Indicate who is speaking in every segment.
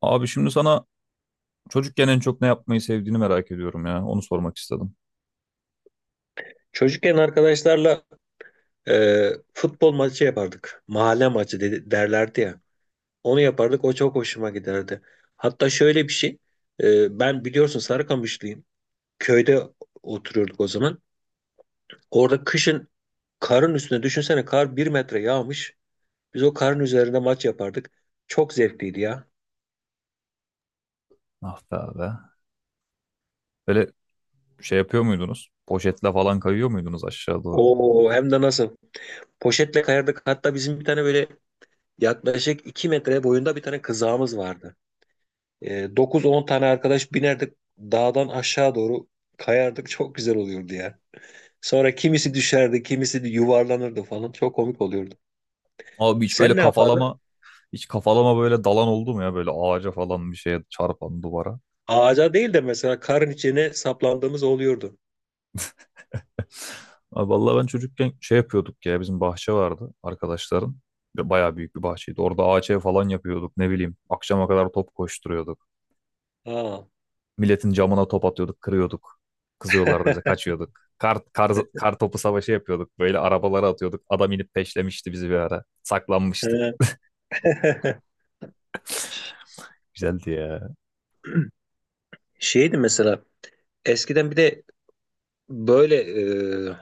Speaker 1: Abi şimdi sana çocukken en çok ne yapmayı sevdiğini merak ediyorum ya. Onu sormak istedim.
Speaker 2: Çocukken arkadaşlarla futbol maçı yapardık. Mahalle maçı dedi, derlerdi ya. Onu yapardık. O çok hoşuma giderdi. Hatta şöyle bir şey. Ben biliyorsun Sarıkamışlıyım. Köyde oturuyorduk o zaman. Orada kışın karın üstüne düşünsene kar bir metre yağmış. Biz o karın üzerinde maç yapardık. Çok zevkliydi ya.
Speaker 1: Ah be abi. Böyle şey yapıyor muydunuz? Poşetle falan kayıyor muydunuz aşağı doğru?
Speaker 2: O hem de nasıl. Poşetle kayardık. Hatta bizim bir tane böyle yaklaşık iki metre boyunda bir tane kızağımız vardı. 9-10 tane arkadaş binerdik dağdan aşağı doğru kayardık çok güzel oluyordu ya. Sonra kimisi düşerdi, kimisi de yuvarlanırdı falan. Çok komik oluyordu.
Speaker 1: Abi hiç böyle
Speaker 2: Sen ne yapardın?
Speaker 1: kafalama böyle dalan oldu mu ya? Böyle ağaca falan bir şeye çarpan duvara.
Speaker 2: Ağaca değil de mesela karın içine saplandığımız oluyordu.
Speaker 1: Abi vallahi ben çocukken şey yapıyorduk ya bizim bahçe vardı arkadaşların. Ve bayağı büyük bir bahçeydi. Orada ağaç ev falan yapıyorduk ne bileyim. Akşama kadar top koşturuyorduk.
Speaker 2: Aa.
Speaker 1: Milletin camına top atıyorduk, kırıyorduk. Kızıyorlardı bize, kaçıyorduk. Kar topu savaşı yapıyorduk. Böyle arabalara atıyorduk. Adam inip peşlemişti bizi bir ara. Saklanmıştık. Güzeldi ya.
Speaker 2: Şeydi mesela eskiden bir de böyle e,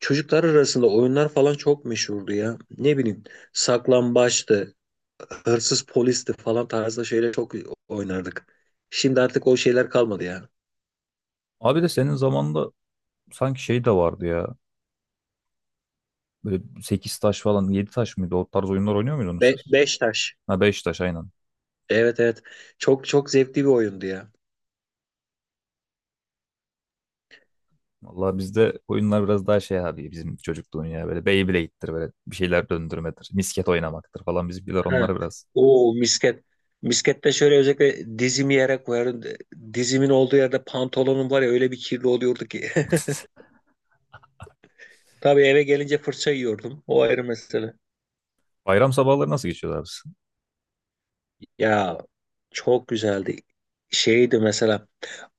Speaker 2: çocuklar arasında oyunlar falan çok meşhurdu ya. Ne bileyim saklambaçtı, hırsız polisti falan tarzda şeyler çok oynardık. Şimdi artık o şeyler kalmadı ya.
Speaker 1: Abi de senin zamanında sanki şey de vardı ya. Böyle 8 taş falan 7 taş mıydı? O tarz oyunlar oynuyor muydunuz siz?
Speaker 2: Beş taş.
Speaker 1: Ha 5 taş aynen.
Speaker 2: Evet evet. Çok çok zevkli bir oyundu ya.
Speaker 1: Vallahi bizde oyunlar biraz daha şey abi bizim çocukluğun ya böyle Beyblade'dir böyle bir şeyler döndürmedir. Misket oynamaktır falan bizimkiler
Speaker 2: Ha.
Speaker 1: onlara biraz.
Speaker 2: Oo misket. Miskette şöyle özellikle dizimi yere koyarım. Dizimin olduğu yerde pantolonum var ya öyle bir kirli oluyordu ki. Tabii eve gelince fırça yiyordum. O ayrı mesele.
Speaker 1: Bayram sabahları nasıl geçiyorlar biz?
Speaker 2: Ya çok güzeldi. Şeydi mesela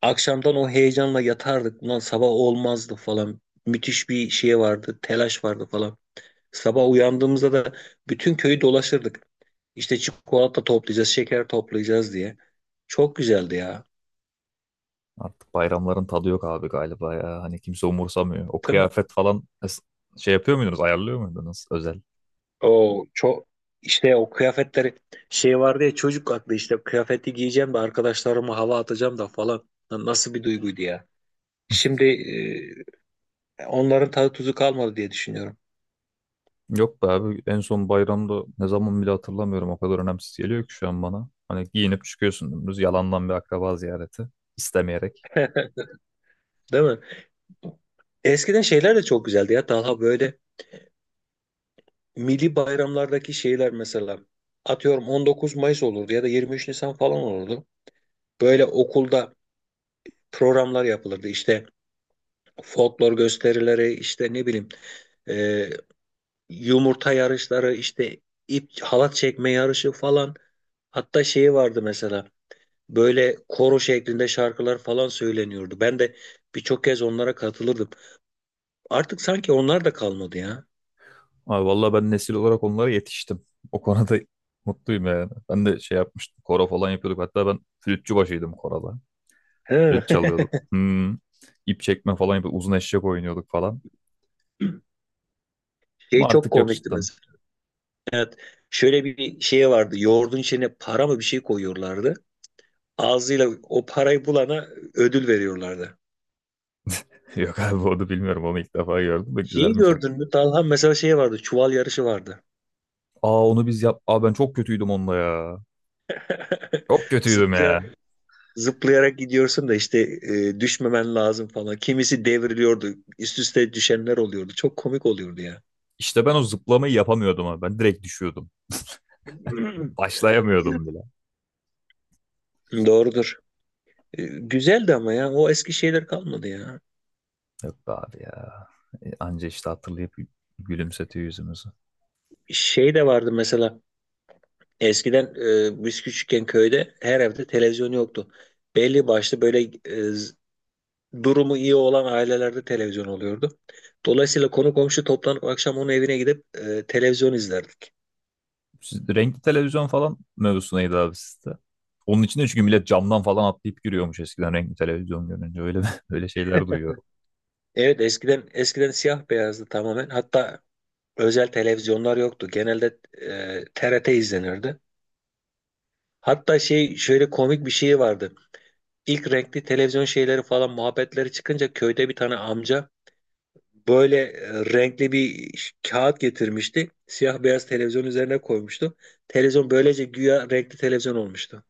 Speaker 2: akşamdan o heyecanla yatardık. Ulan sabah olmazdı falan. Müthiş bir şey vardı. Telaş vardı falan. Sabah uyandığımızda da bütün köyü dolaşırdık. İşte çikolata toplayacağız, şeker toplayacağız diye. Çok güzeldi ya.
Speaker 1: Artık bayramların tadı yok abi galiba ya. Hani kimse umursamıyor. O
Speaker 2: Değil mi?
Speaker 1: kıyafet falan es- şey yapıyor muydunuz? Ayarlıyor muydunuz özel?
Speaker 2: O çok işte o kıyafetleri şey vardı ya çocuk aklı işte kıyafeti giyeceğim de arkadaşlarıma hava atacağım da falan. Lan nasıl bir duyguydu ya. Şimdi onların tadı tuzu kalmadı diye düşünüyorum.
Speaker 1: Yok be abi en son bayramda ne zaman bile hatırlamıyorum. O kadar önemsiz geliyor ki şu an bana. Hani giyinip çıkıyorsun dümdüz yalandan bir akraba ziyareti istemeyerek.
Speaker 2: Değil mi? Eskiden şeyler de çok güzeldi ya Talha, böyle milli bayramlardaki şeyler mesela atıyorum 19 Mayıs olurdu ya da 23 Nisan falan olurdu. Böyle okulda programlar yapılırdı. İşte folklor gösterileri, işte ne bileyim, e, yumurta yarışları, işte ip halat çekme yarışı falan. Hatta şeyi vardı mesela böyle koro şeklinde şarkılar falan söyleniyordu. Ben de birçok kez onlara katılırdım. Artık sanki onlar da kalmadı ya.
Speaker 1: Abi vallahi ben nesil olarak onlara yetiştim. O konuda mutluyum yani. Ben de şey yapmıştım. Koro falan yapıyorduk. Hatta ben flütçü başıydım koroda.
Speaker 2: He.
Speaker 1: Flüt çalıyordum. Hmm. İp çekme falan yapıyorduk. Uzun eşek oynuyorduk falan. Ama
Speaker 2: Şey çok
Speaker 1: artık yok
Speaker 2: komikti
Speaker 1: cidden.
Speaker 2: mesela. Şöyle bir şeye vardı. Yoğurdun içine para mı bir şey koyuyorlardı. Ağzıyla o parayı bulana ödül veriyorlardı.
Speaker 1: Yok abi onu bilmiyorum. Onu ilk defa gördüm. De
Speaker 2: Şeyi
Speaker 1: güzelmiş abi.
Speaker 2: gördün mü? Talha mesela şey vardı. Çuval yarışı vardı.
Speaker 1: Aa onu biz yap... Aa ben çok kötüydüm onunla ya. Çok kötüydüm ya.
Speaker 2: Zıplaya, zıplayarak gidiyorsun da işte düşmemen lazım falan. Kimisi devriliyordu. Üst üste düşenler oluyordu. Çok komik oluyordu ya.
Speaker 1: İşte ben o zıplamayı yapamıyordum abi. Ben direkt düşüyordum. Başlayamıyordum bile.
Speaker 2: Doğrudur. Güzeldi ama ya. O eski şeyler kalmadı ya.
Speaker 1: Yok be abi ya. Anca işte hatırlayıp gülümsetiyor yüzümüzü.
Speaker 2: Şey de vardı mesela. Eskiden biz küçükken köyde her evde televizyon yoktu. Belli başlı böyle e, z- durumu iyi olan ailelerde televizyon oluyordu. Dolayısıyla konu komşu toplanıp akşam onun evine gidip televizyon izlerdik.
Speaker 1: Siz- renkli televizyon falan mevzusu neydi abi sizde? Onun için de çünkü millet camdan falan atlayıp giriyormuş eskiden renkli televizyon görünce. Öyle öyle şeyler duyuyorum.
Speaker 2: Evet, eskiden siyah beyazdı tamamen. Hatta özel televizyonlar yoktu. Genelde TRT izlenirdi. Hatta şey şöyle komik bir şey vardı. İlk renkli televizyon şeyleri falan muhabbetleri çıkınca köyde bir tane amca böyle renkli kağıt getirmişti. Siyah beyaz televizyon üzerine koymuştu. Televizyon böylece güya renkli televizyon olmuştu.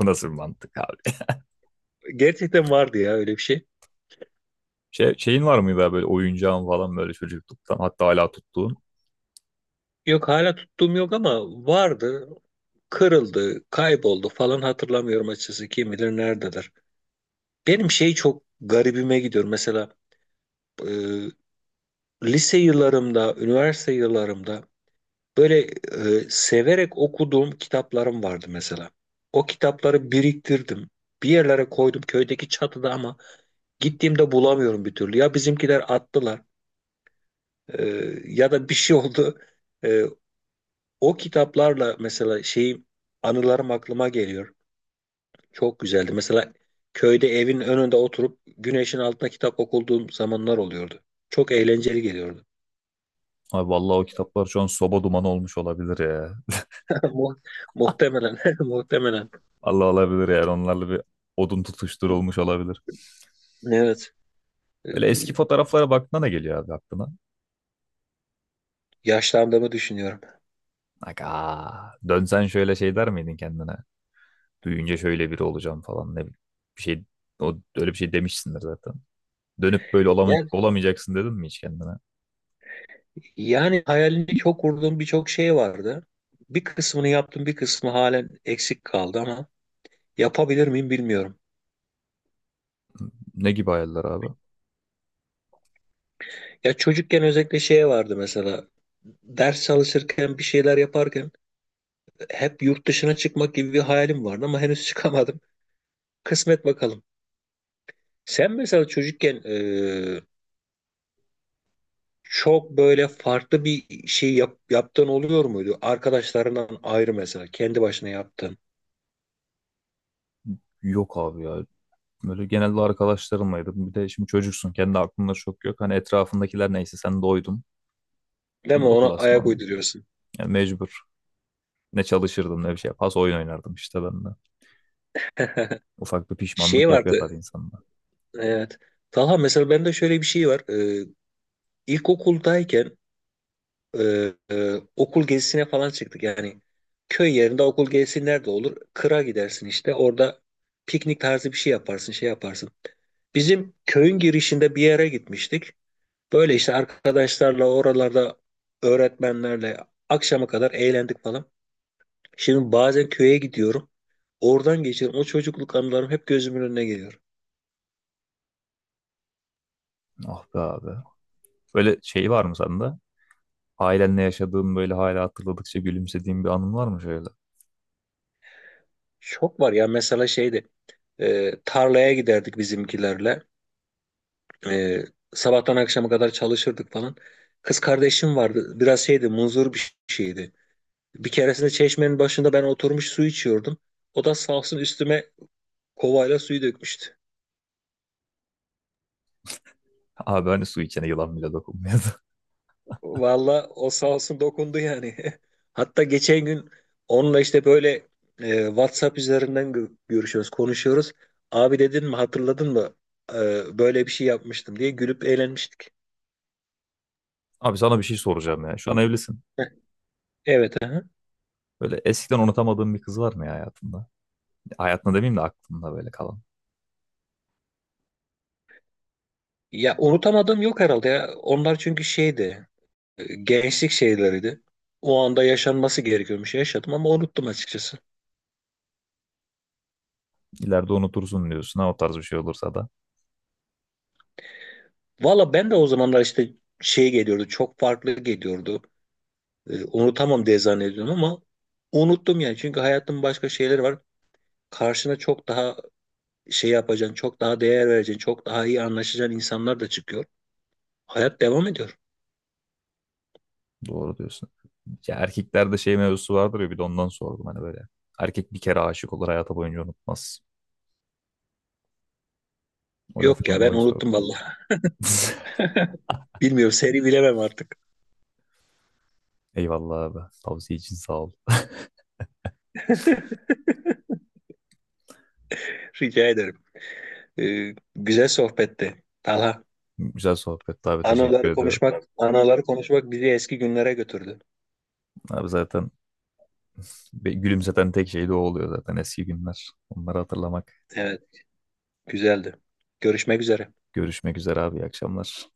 Speaker 1: Bu nasıl bir mantık abi?
Speaker 2: Gerçekten vardı ya öyle bir şey.
Speaker 1: Şey, şeyin var mıydı abi böyle oyuncağın falan böyle çocukluktan hatta hala tuttuğun?
Speaker 2: Yok hala tuttuğum yok ama vardı. Kırıldı, kayboldu falan hatırlamıyorum açıkçası. Kim bilir nerededir. Benim şey çok garibime gidiyor. Mesela e, lise yıllarımda, üniversite yıllarımda böyle severek okuduğum kitaplarım vardı mesela. O kitapları biriktirdim. Bir yerlere koydum köydeki çatıda ama gittiğimde bulamıyorum bir türlü. Ya bizimkiler attılar, e, ya da bir şey oldu. E, O kitaplarla mesela şeyim anılarım aklıma geliyor. Çok güzeldi. Mesela köyde evin önünde oturup güneşin altında kitap okuduğum zamanlar oluyordu. Çok eğlenceli geliyordu.
Speaker 1: Abi vallahi o kitaplar şu an soba dumanı olmuş olabilir ya.
Speaker 2: Mu- Muhtemelen, muhtemelen.
Speaker 1: Allah olabilir yani onlarla bir odun tutuşturulmuş olabilir.
Speaker 2: Evet, e,
Speaker 1: Böyle eski fotoğraflara baktığında ne geliyor abi aklına?
Speaker 2: yaşlandığımı düşünüyorum.
Speaker 1: Aga, dönsen şöyle şey der miydin kendine? Büyüyünce şöyle biri olacağım falan ne bileyim. Bir şey o öyle bir şey demişsindir zaten. Dönüp böyle olama-
Speaker 2: Yani,
Speaker 1: olamayacaksın dedin mi hiç kendine?
Speaker 2: yani hayalini çok kurduğum birçok şey vardı. Bir kısmını yaptım, bir kısmı halen eksik kaldı ama yapabilir miyim bilmiyorum.
Speaker 1: Ne gibi hayaller abi?
Speaker 2: Ya çocukken özellikle şey vardı mesela. Ders çalışırken, bir şeyler yaparken hep yurt dışına çıkmak gibi bir hayalim vardı ama henüz çıkamadım. Kısmet bakalım. Sen mesela çocukken, çok böyle farklı bir şey yaptığın oluyor muydu? Arkadaşlarından ayrı mesela, kendi başına yaptın.
Speaker 1: Yok abi ya. Böyle genelde arkadaşlarımlaydım. Bir de şimdi çocuksun. Kendi aklında çok yok. Hani etrafındakiler neyse sen de oydun.
Speaker 2: Değil
Speaker 1: Ben
Speaker 2: mi?
Speaker 1: de o
Speaker 2: Ona ayak
Speaker 1: klasmanım.
Speaker 2: uyduruyorsun.
Speaker 1: Yani mecbur. Ne çalışırdım ne bir şey. Pas oyun oynardım işte ben de. Ufak bir
Speaker 2: Şey
Speaker 1: pişmanlık yapıyor
Speaker 2: vardı.
Speaker 1: tabii insanda.
Speaker 2: Evet. Talha mesela bende şöyle bir şey var. Ee, ilkokuldayken okul gezisine falan çıktık. Yani köy yerinde okul gezisi nerede olur? Kıra gidersin işte. Orada piknik tarzı bir şey yaparsın, şey yaparsın. Bizim köyün girişinde bir yere gitmiştik. Böyle işte arkadaşlarla oralarda öğretmenlerle akşama kadar eğlendik falan. Şimdi bazen köye gidiyorum. Oradan geçiyorum. O çocukluk anılarım hep gözümün önüne geliyor.
Speaker 1: Ah be abi. Böyle şey var mı sende? Ailenle yaşadığın böyle hala hatırladıkça gülümsediğin bir anın var mı şöyle?
Speaker 2: Çok var ya mesela şeydi. Tarlaya giderdik bizimkilerle. E, Sabahtan akşama kadar çalışırdık falan. Kız kardeşim vardı. Biraz şeydi, muzur bir şeydi. Bir keresinde çeşmenin başında ben oturmuş su içiyordum. O da sağ olsun üstüme kovayla suyu dökmüştü.
Speaker 1: Abi hani su içene yılan bile dokunmuyordu.
Speaker 2: Valla o sağ olsun dokundu yani. Hatta geçen gün onunla işte böyle WhatsApp üzerinden görüşüyoruz, konuşuyoruz. Abi dedin mi, hatırladın mı? Böyle bir şey yapmıştım diye gülüp eğlenmiştik.
Speaker 1: Abi sana bir şey soracağım ya. Şu an evlisin.
Speaker 2: Evet.
Speaker 1: Böyle eskiden unutamadığın bir kız var mı ya hayatında? Hayatında demeyeyim de aklında böyle kalan.
Speaker 2: Ya unutamadığım yok herhalde ya. Onlar çünkü şeydi. Gençlik şeyleriydi. O anda yaşanması gerekiyormuş. Yaşadım ama unuttum açıkçası.
Speaker 1: İleride unutursun diyorsun ha o tarz bir şey olursa da.
Speaker 2: Valla ben de o zamanlar işte şey geliyordu. Çok farklı geliyordu. Unutamam diye zannediyordum ama unuttum yani. Çünkü hayatın başka şeyleri var. Karşına çok daha şey yapacaksın. Çok daha değer vereceksin. Çok daha iyi anlaşacağın insanlar da çıkıyor. Hayat devam ediyor.
Speaker 1: Doğru diyorsun. Ya erkeklerde şey mevzusu vardır ya bir de ondan sordum hani böyle. Erkek bir kere aşık olur hayatı boyunca unutmaz. O
Speaker 2: Yok
Speaker 1: laftan
Speaker 2: ya, ben
Speaker 1: dolayı sordum.
Speaker 2: unuttum vallahi. Bilmiyorum, seni bilemem artık.
Speaker 1: Eyvallah abi. Tavsiye için sağ ol.
Speaker 2: Rica ederim. Güzel sohbetti. Allah
Speaker 1: Güzel sohbetti abi teşekkür ediyorum.
Speaker 2: anıları konuşmak bizi eski günlere götürdü.
Speaker 1: Abi zaten be- gülümseten tek şey de o oluyor zaten eski günler. Onları hatırlamak.
Speaker 2: Evet, güzeldi. Görüşmek üzere.
Speaker 1: Görüşmek üzere abi. İyi akşamlar.